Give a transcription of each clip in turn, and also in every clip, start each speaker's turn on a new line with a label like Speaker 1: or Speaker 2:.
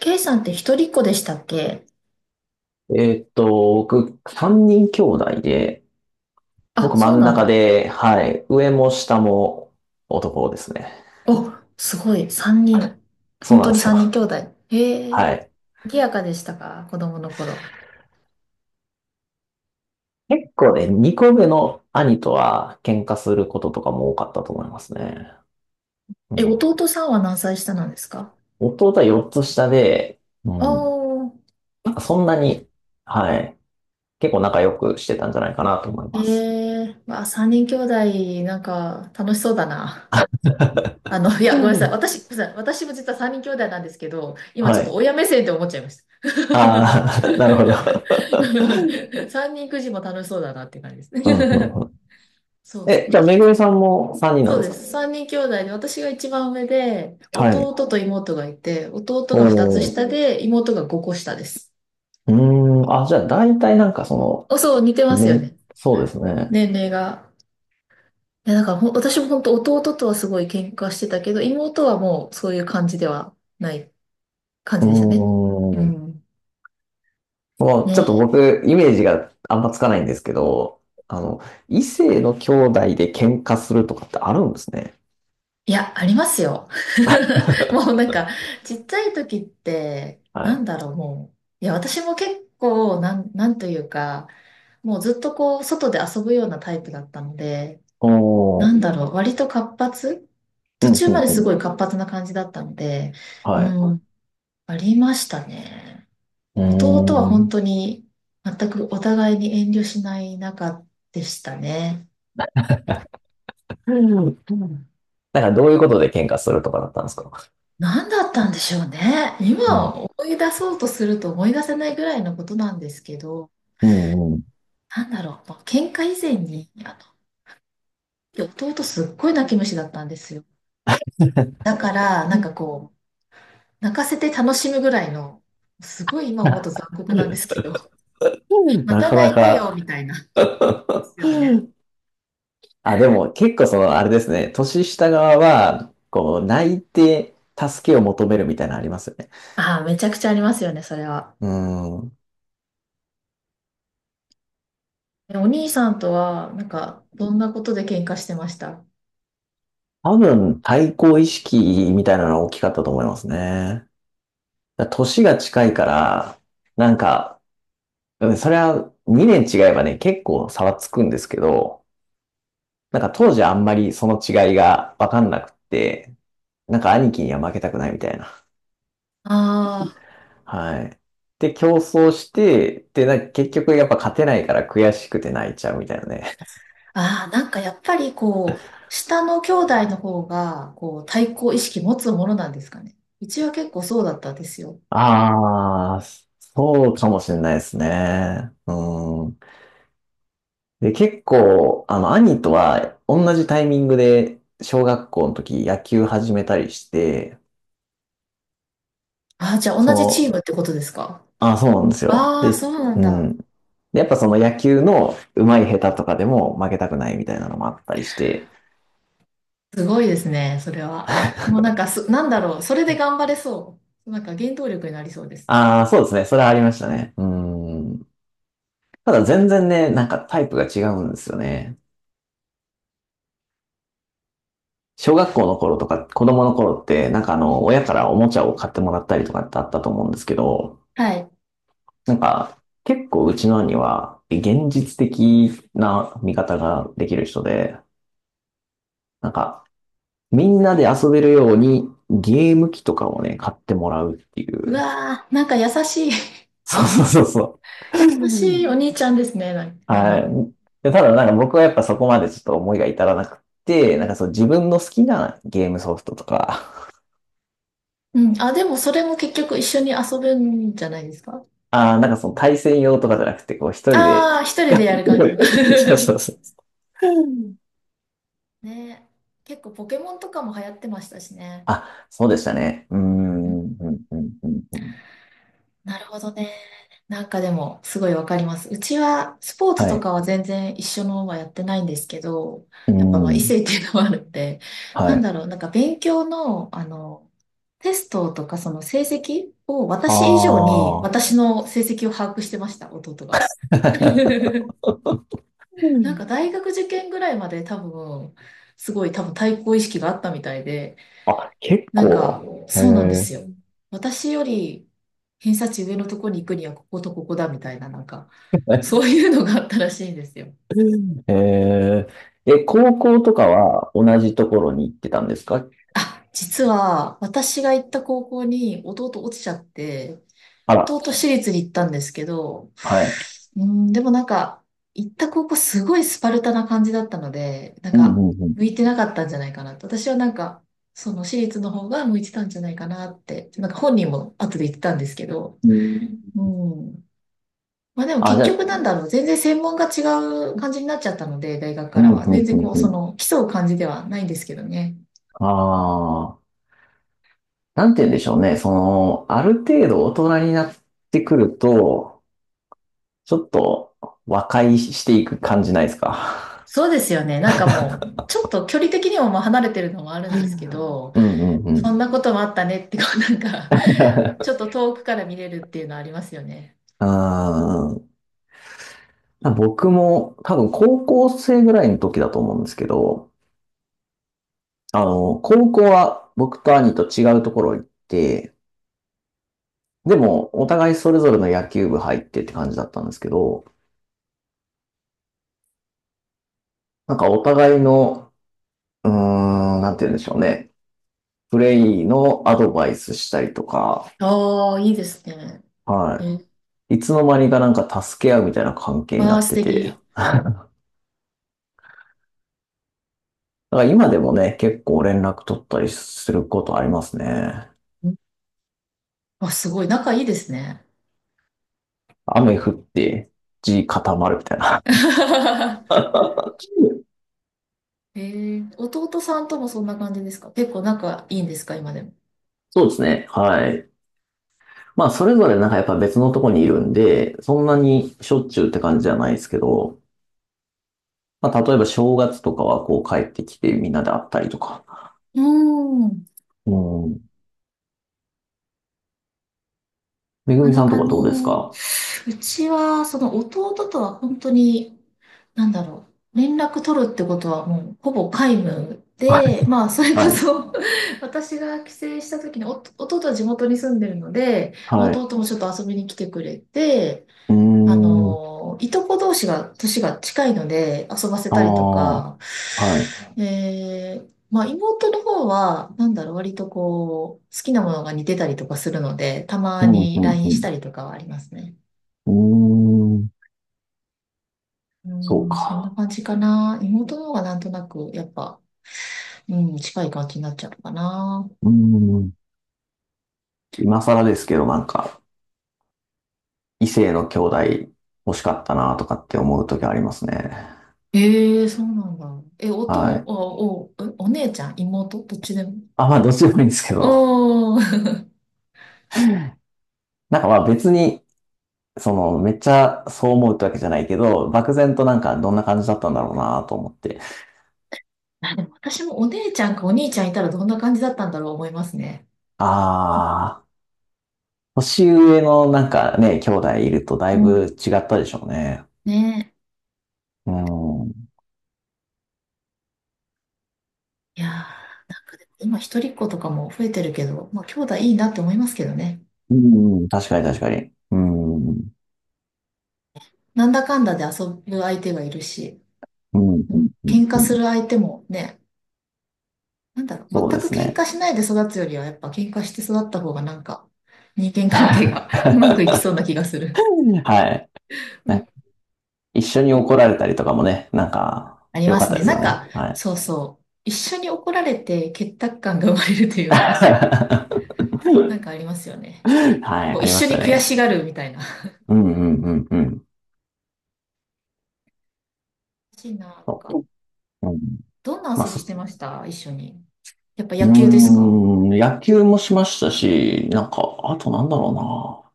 Speaker 1: K さんって一人っ子でしたっけ？
Speaker 2: えーっと、僕、三人兄弟で、
Speaker 1: あ、
Speaker 2: 僕
Speaker 1: そう
Speaker 2: 真ん
Speaker 1: なん
Speaker 2: 中
Speaker 1: だ。
Speaker 2: で、はい、上も下も男ですね。
Speaker 1: お、すごい。三人。
Speaker 2: そう
Speaker 1: 本
Speaker 2: な
Speaker 1: 当
Speaker 2: んで
Speaker 1: に
Speaker 2: す
Speaker 1: 三人兄
Speaker 2: よ。
Speaker 1: 弟。へえ。
Speaker 2: はい。
Speaker 1: 賑やかでしたか、子供の頃。
Speaker 2: 結構ね、二個目の兄とは喧嘩することとかも多かったと思いますね。う
Speaker 1: え、
Speaker 2: ん、
Speaker 1: 弟さんは何歳下なんですか？
Speaker 2: 弟は4つ下で、うん、
Speaker 1: おー。
Speaker 2: そんなに、はい、結構仲良くしてたんじゃないかなと思い
Speaker 1: え
Speaker 2: ます。
Speaker 1: え。まあ、三人兄弟、なんか、楽しそうだな。あの、いや、
Speaker 2: う
Speaker 1: ごめんなさい。
Speaker 2: ん、
Speaker 1: 私、ごめんなさい。私も実は三人兄弟なんですけど、今ちょ
Speaker 2: は
Speaker 1: っと
Speaker 2: い。
Speaker 1: 親目線って思っちゃいました。
Speaker 2: ああ、なるほど。
Speaker 1: 三人くじも楽しそうだなっていう感じです
Speaker 2: うんうん
Speaker 1: ね。
Speaker 2: うん。
Speaker 1: そうそう。
Speaker 2: え、じゃあ、
Speaker 1: 私も
Speaker 2: めぐみさんも3人なん
Speaker 1: そう
Speaker 2: です
Speaker 1: で
Speaker 2: か？
Speaker 1: す。三人兄弟で、私が一番上で、
Speaker 2: は
Speaker 1: 弟
Speaker 2: い。
Speaker 1: と妹がいて、弟
Speaker 2: お
Speaker 1: が二つ
Speaker 2: ー、
Speaker 1: 下で、妹が五個下です。
Speaker 2: うーん、あ、じゃあ大体なんかそ
Speaker 1: お、そう、似てま
Speaker 2: の、
Speaker 1: すよ
Speaker 2: ね、
Speaker 1: ね。
Speaker 2: そうですね。
Speaker 1: 年齢が。いや、だから私も本当、弟とはすごい喧嘩してたけど、妹はもうそういう感じではない感
Speaker 2: うー
Speaker 1: じでしたね。
Speaker 2: ん、
Speaker 1: うん。
Speaker 2: もうちょっと
Speaker 1: ね。
Speaker 2: 僕、イメージがあんまつかないんですけど、あの、異性の兄弟で喧嘩するとかってあるんですね。
Speaker 1: いや、ありますよ。もうなんか、ちっちゃい時って、
Speaker 2: は
Speaker 1: な
Speaker 2: い。
Speaker 1: んだろう、もう。いや、私も結構、なんというか、もうずっとこう、外で遊ぶようなタイプだったので、
Speaker 2: お
Speaker 1: な
Speaker 2: ー、
Speaker 1: んだろう、割と活発、
Speaker 2: う
Speaker 1: 途
Speaker 2: ん、
Speaker 1: 中
Speaker 2: う
Speaker 1: ま
Speaker 2: ん、
Speaker 1: で
Speaker 2: う
Speaker 1: す
Speaker 2: ん。
Speaker 1: ごい活発な感じだったので、う
Speaker 2: はい。う
Speaker 1: あん、ありましたね。
Speaker 2: ー
Speaker 1: 弟は
Speaker 2: ん。
Speaker 1: 本当に全くお互いに遠慮しない仲でしたね。
Speaker 2: うんうん、なんかどういうことで喧嘩するとかだったんですか？
Speaker 1: 何だったんでしょうね。
Speaker 2: う
Speaker 1: 今
Speaker 2: ん、
Speaker 1: 思い出そうとすると思い出せないぐらいのことなんですけど、
Speaker 2: うん、うん。
Speaker 1: なんだろう、まあ喧嘩以前に、あの、弟すっごい泣き虫だったんですよ。だから、なんかこう、泣かせて楽しむぐらいの、すごい今思うと残酷なんです けど、ま
Speaker 2: な
Speaker 1: た
Speaker 2: か
Speaker 1: 泣
Speaker 2: な
Speaker 1: いたよ、
Speaker 2: か。
Speaker 1: みたいな。で すよね。
Speaker 2: あ、でも結構その、あれですね、年下側は、こう、泣いて助けを求めるみたいなのありますよね。
Speaker 1: ああ、めちゃくちゃありますよね、それは。
Speaker 2: うん。
Speaker 1: え、お兄さんとは、なんか、どんなことで喧嘩してましたあ
Speaker 2: 多分、対抗意識みたいなのが大きかったと思いますね。だから年が近いから、なんか、うん、それは2年違えばね、結構差はつくんですけど、なんか当時あんまりその違いがわかんなくって、なんか兄貴には負けたくないみたいな。
Speaker 1: あ？
Speaker 2: はい。で、競争して、で、なんか結局やっぱ勝てないから悔しくて泣いちゃうみたいなね。
Speaker 1: ああ、なんかやっぱりこう、下の兄弟の方が、こう、対抗意識持つものなんですかね。うちは結構そうだったんですよ。
Speaker 2: ああ、そうかもしれないですね。うん。で、結構、あの、兄とは同じタイミングで小学校の時野球始めたりして、
Speaker 1: ああ、じゃあ
Speaker 2: そ
Speaker 1: 同じチー
Speaker 2: の、
Speaker 1: ムってことですか？
Speaker 2: あ、そうなんですよ。
Speaker 1: ああ、
Speaker 2: で、
Speaker 1: そうなん
Speaker 2: う
Speaker 1: だ。
Speaker 2: ん。で、やっぱその野球の上手い下手とかでも負けたくないみたいなのもあったりして、
Speaker 1: すごいですね、それは。もうなんかす、なんだろう、それで頑張れそう。なんか原動力になりそうです。
Speaker 2: ああ、そうですね。それはありましたね。うん。ただ全然ね、なんかタイプが違うんですよね。小学校の頃とか、子供の頃って、なんかあの、親からおもちゃを買ってもらったりとかってあったと思うんですけど、
Speaker 1: はい。
Speaker 2: なんか、結構うちの兄は、現実的な見方ができる人で、なんか、みんなで遊べるように、ゲーム機とかをね、買ってもらうってい
Speaker 1: う
Speaker 2: う。
Speaker 1: わー、なんか優しい、
Speaker 2: そうそうそうそう。
Speaker 1: 優しい お兄ちゃんですね。なんだ
Speaker 2: はい。
Speaker 1: ろ
Speaker 2: で、ただなんか僕はやっぱそこまでちょっと思いが至らなくて、なんかそう自分の好きなゲームソフトとか、
Speaker 1: う。うん。あ、でもそれも結局一緒に遊ぶんじゃないですか。
Speaker 2: ああ、なんかその対戦用とかじゃなくて、こう一人で。
Speaker 1: ああ、一人でやる感じの。
Speaker 2: そうそうそう。
Speaker 1: ね。結構ポケモンとかも流行ってましたしね。
Speaker 2: あ、そうでしたね。うー
Speaker 1: う
Speaker 2: ん、う
Speaker 1: ん、
Speaker 2: ん、うん、うん。うん、
Speaker 1: なるほどね。なんかでも、すごいわかります。うちは、スポーツ
Speaker 2: は
Speaker 1: と
Speaker 2: い。
Speaker 1: かは全然一緒のはやってないんですけど、
Speaker 2: うー
Speaker 1: やっぱまあ異
Speaker 2: ん、
Speaker 1: 性っていうのもあるんで、
Speaker 2: は
Speaker 1: なんだ
Speaker 2: い。
Speaker 1: ろう、なんか勉強の、あの、テストとかその成績を、
Speaker 2: あ
Speaker 1: 私以上に
Speaker 2: あ。
Speaker 1: 私の成績を把握してました、弟が。
Speaker 2: う
Speaker 1: なんか
Speaker 2: ん、
Speaker 1: 大学受験ぐらいまで多分、すごい多分対抗意識があったみたいで、
Speaker 2: あ、結
Speaker 1: なんか、
Speaker 2: 構。へ
Speaker 1: そうなんで
Speaker 2: え。
Speaker 1: すよ。私より偏差値上のとこに行くにはこことここだみたいな、なんか、そ ういうのがあったらしいんですよ。
Speaker 2: へえー。え、高校とかは同じところに行ってたんですか？
Speaker 1: あ、実は私が行った高校に弟落ちちゃって、
Speaker 2: あら、
Speaker 1: 東私立に行ったんですけど、
Speaker 2: はい。
Speaker 1: うん、でもなんか、行った高校すごいスパルタな感じだったので、なん
Speaker 2: うん、
Speaker 1: か、
Speaker 2: うん、うん。
Speaker 1: 向いてなかったんじゃないかなと。私はなんか、その私立の方が向いてたんじゃないかなって、なんか本人も後で言ってたんですけど、
Speaker 2: うん。
Speaker 1: うん。まあでも
Speaker 2: あ、
Speaker 1: 結
Speaker 2: じゃ
Speaker 1: 局
Speaker 2: あ、
Speaker 1: なんだろう、全然専門が違う感じになっちゃったので、大学か
Speaker 2: うん、
Speaker 1: ら
Speaker 2: う
Speaker 1: は。
Speaker 2: ん、
Speaker 1: 全
Speaker 2: う
Speaker 1: 然
Speaker 2: ん、
Speaker 1: こう、
Speaker 2: う
Speaker 1: そ
Speaker 2: ん。
Speaker 1: の、競う感じではないんですけどね。
Speaker 2: ああ。なんて言うんでしょうね。その、ある程度大人になってくると、ちょっと和解していく感じないですか。
Speaker 1: そうですよね。なんかもう、ちょっと距離的にもまあ離れてるのもあるんですけ ど、
Speaker 2: うんうんうん。
Speaker 1: そんなこともあったねって、こうなんかちょっ と遠くから見れるっていうのありますよね。
Speaker 2: うー、僕も多分高校生ぐらいの時だと思うんですけど、あの、高校は僕と兄と違うところ行って、でもお互いそれぞれの野球部入ってって感じだったんですけど、なんかお互いの、うーん、なんて言うんでしょうね。プレイのアドバイスしたりとか、
Speaker 1: ああ、いいですね。
Speaker 2: は
Speaker 1: え、
Speaker 2: い。いつの間にかなんか助け合うみたいな関係に
Speaker 1: あ
Speaker 2: な
Speaker 1: あ、
Speaker 2: っ
Speaker 1: 素
Speaker 2: てて、
Speaker 1: 敵。
Speaker 2: だから今でもね、結構連絡取ったりすることありますね。
Speaker 1: ん、あ、すごい。仲いいですね。
Speaker 2: 雨降って、地固まるみたいな。
Speaker 1: えー、弟さんともそんな感じですか、結構仲いいんですか、今でも。
Speaker 2: そうですね。はい。まあ、それぞれなんかやっぱ別のとこにいるんで、そんなにしょっちゅうって感じじゃないですけど、まあ、例えば正月とかはこう帰ってきてみんなで会ったりとか。
Speaker 1: うーん。
Speaker 2: うん。めぐ
Speaker 1: なか
Speaker 2: み
Speaker 1: な
Speaker 2: さん
Speaker 1: か
Speaker 2: とか
Speaker 1: ね、
Speaker 2: どうですか？
Speaker 1: うちは、その弟とは本当になんだろう。連絡取るってことはもうほぼ皆無
Speaker 2: はい。
Speaker 1: で、まあそれこ
Speaker 2: はい。
Speaker 1: そ、 私が帰省した時にお弟は地元に住んでるので、まあ
Speaker 2: はい。
Speaker 1: 弟もちょっと遊びに来てくれて、
Speaker 2: うー
Speaker 1: あ
Speaker 2: ん。
Speaker 1: のー、いとこ同士が年が近いので遊ばせたりと
Speaker 2: あ
Speaker 1: か、
Speaker 2: あ。はい。
Speaker 1: えー、まあ妹の方はなんだろう、割とこう好きなものが似てたりとかするので、たま
Speaker 2: うん、う
Speaker 1: に
Speaker 2: ん、う
Speaker 1: LINE し
Speaker 2: ん。
Speaker 1: たりとかはありますね。
Speaker 2: うーん。
Speaker 1: う
Speaker 2: そう
Speaker 1: ん、そんな
Speaker 2: か。
Speaker 1: 感じかな。妹の方がなんとなくやっぱ、うん、近い感じになっちゃうのかな。
Speaker 2: うーん。今更ですけど、なんか、異性の兄弟欲しかったなとかって思う時ありますね。
Speaker 1: ええ、そうなんだ。え、おと、
Speaker 2: はい。
Speaker 1: お、お、お姉ちゃん、妹、どっちでも。
Speaker 2: あ、まあ、どっちでもいいんですけど、
Speaker 1: うーん。
Speaker 2: なんかまあ別に、その、めっちゃそう思うってわけじゃないけど、漠然となんかどんな感じだったんだろうなと思って。
Speaker 1: あ、でも私もお姉ちゃんかお兄ちゃんいたらどんな感じだったんだろう思いますね。
Speaker 2: ああ、年上のなんかね、兄弟いるとだ
Speaker 1: う
Speaker 2: いぶ
Speaker 1: ん。
Speaker 2: 違ったでしょうね。
Speaker 1: ね
Speaker 2: うん。
Speaker 1: え。いやー、なんかでも今一人っ子とかも増えてるけど、まあ兄弟いいなって思いますけどね。
Speaker 2: うん、確かに確かに。うん。うん、
Speaker 1: なんだかんだで遊ぶ相手がいるし、
Speaker 2: うん、う
Speaker 1: うん、
Speaker 2: ん。
Speaker 1: 喧
Speaker 2: う
Speaker 1: 嘩す
Speaker 2: ん、
Speaker 1: る相手もね、なんだろう、
Speaker 2: そう
Speaker 1: 全
Speaker 2: で
Speaker 1: く
Speaker 2: す
Speaker 1: 喧
Speaker 2: ね。
Speaker 1: 嘩しないで育つよりは、やっぱ喧嘩して育った方がなんか、人間 関係が うまくいき
Speaker 2: は
Speaker 1: そうな気がする。
Speaker 2: い。
Speaker 1: う
Speaker 2: な
Speaker 1: ん、
Speaker 2: ん一緒に怒られたりとかもね、なんか、
Speaker 1: あり
Speaker 2: 良
Speaker 1: ま
Speaker 2: かっ
Speaker 1: す
Speaker 2: た
Speaker 1: ね。
Speaker 2: です
Speaker 1: な
Speaker 2: よ
Speaker 1: ん
Speaker 2: ね。
Speaker 1: か、
Speaker 2: はい。
Speaker 1: そうそう。一緒に怒られて結託感が生まれるというか、なんかありますよね。
Speaker 2: はい、
Speaker 1: こう
Speaker 2: あ
Speaker 1: 一
Speaker 2: りま
Speaker 1: 緒
Speaker 2: した
Speaker 1: に悔
Speaker 2: ね。
Speaker 1: しがるみたいな。
Speaker 2: うんうんうんうん。
Speaker 1: 嬉しいな、なん
Speaker 2: そ
Speaker 1: か。
Speaker 2: う、うん、
Speaker 1: どんな
Speaker 2: まあ、
Speaker 1: 遊びして
Speaker 2: そ、
Speaker 1: ました、一緒に。やっぱ
Speaker 2: うー
Speaker 1: 野球ですか？
Speaker 2: ん、野球もしましたし、なんか、あとなんだろうな。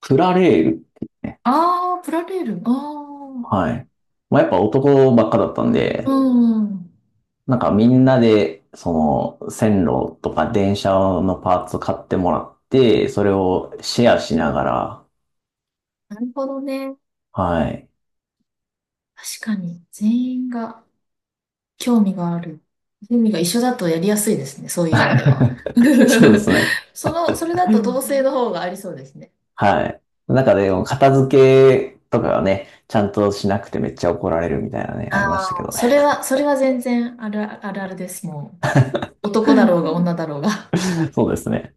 Speaker 2: プラレールっていうね。
Speaker 1: ああー、プラレール。あ
Speaker 2: はい。まあ、やっぱ男ばっかだったん
Speaker 1: あ、
Speaker 2: で、
Speaker 1: うん。
Speaker 2: なんかみんなで、その、線路とか電車のパーツ買ってもらって、それをシェアしながら、
Speaker 1: なるほどね。
Speaker 2: はい。
Speaker 1: 確かに、全員が。興味がある。趣味が一緒だとやりやすいですね。そういう意味では。
Speaker 2: そうで すね。
Speaker 1: その、それだと同性の方がありそうですね。
Speaker 2: はい。なんかでも、片付けとかはね、ちゃんとしなくてめっちゃ怒られるみたいなね、あ
Speaker 1: あ
Speaker 2: りましたけ
Speaker 1: あ、
Speaker 2: ど
Speaker 1: そ
Speaker 2: ね。
Speaker 1: れは、それは全然あるあるあるです。もう、男だろうが女だろうが。
Speaker 2: そうですね。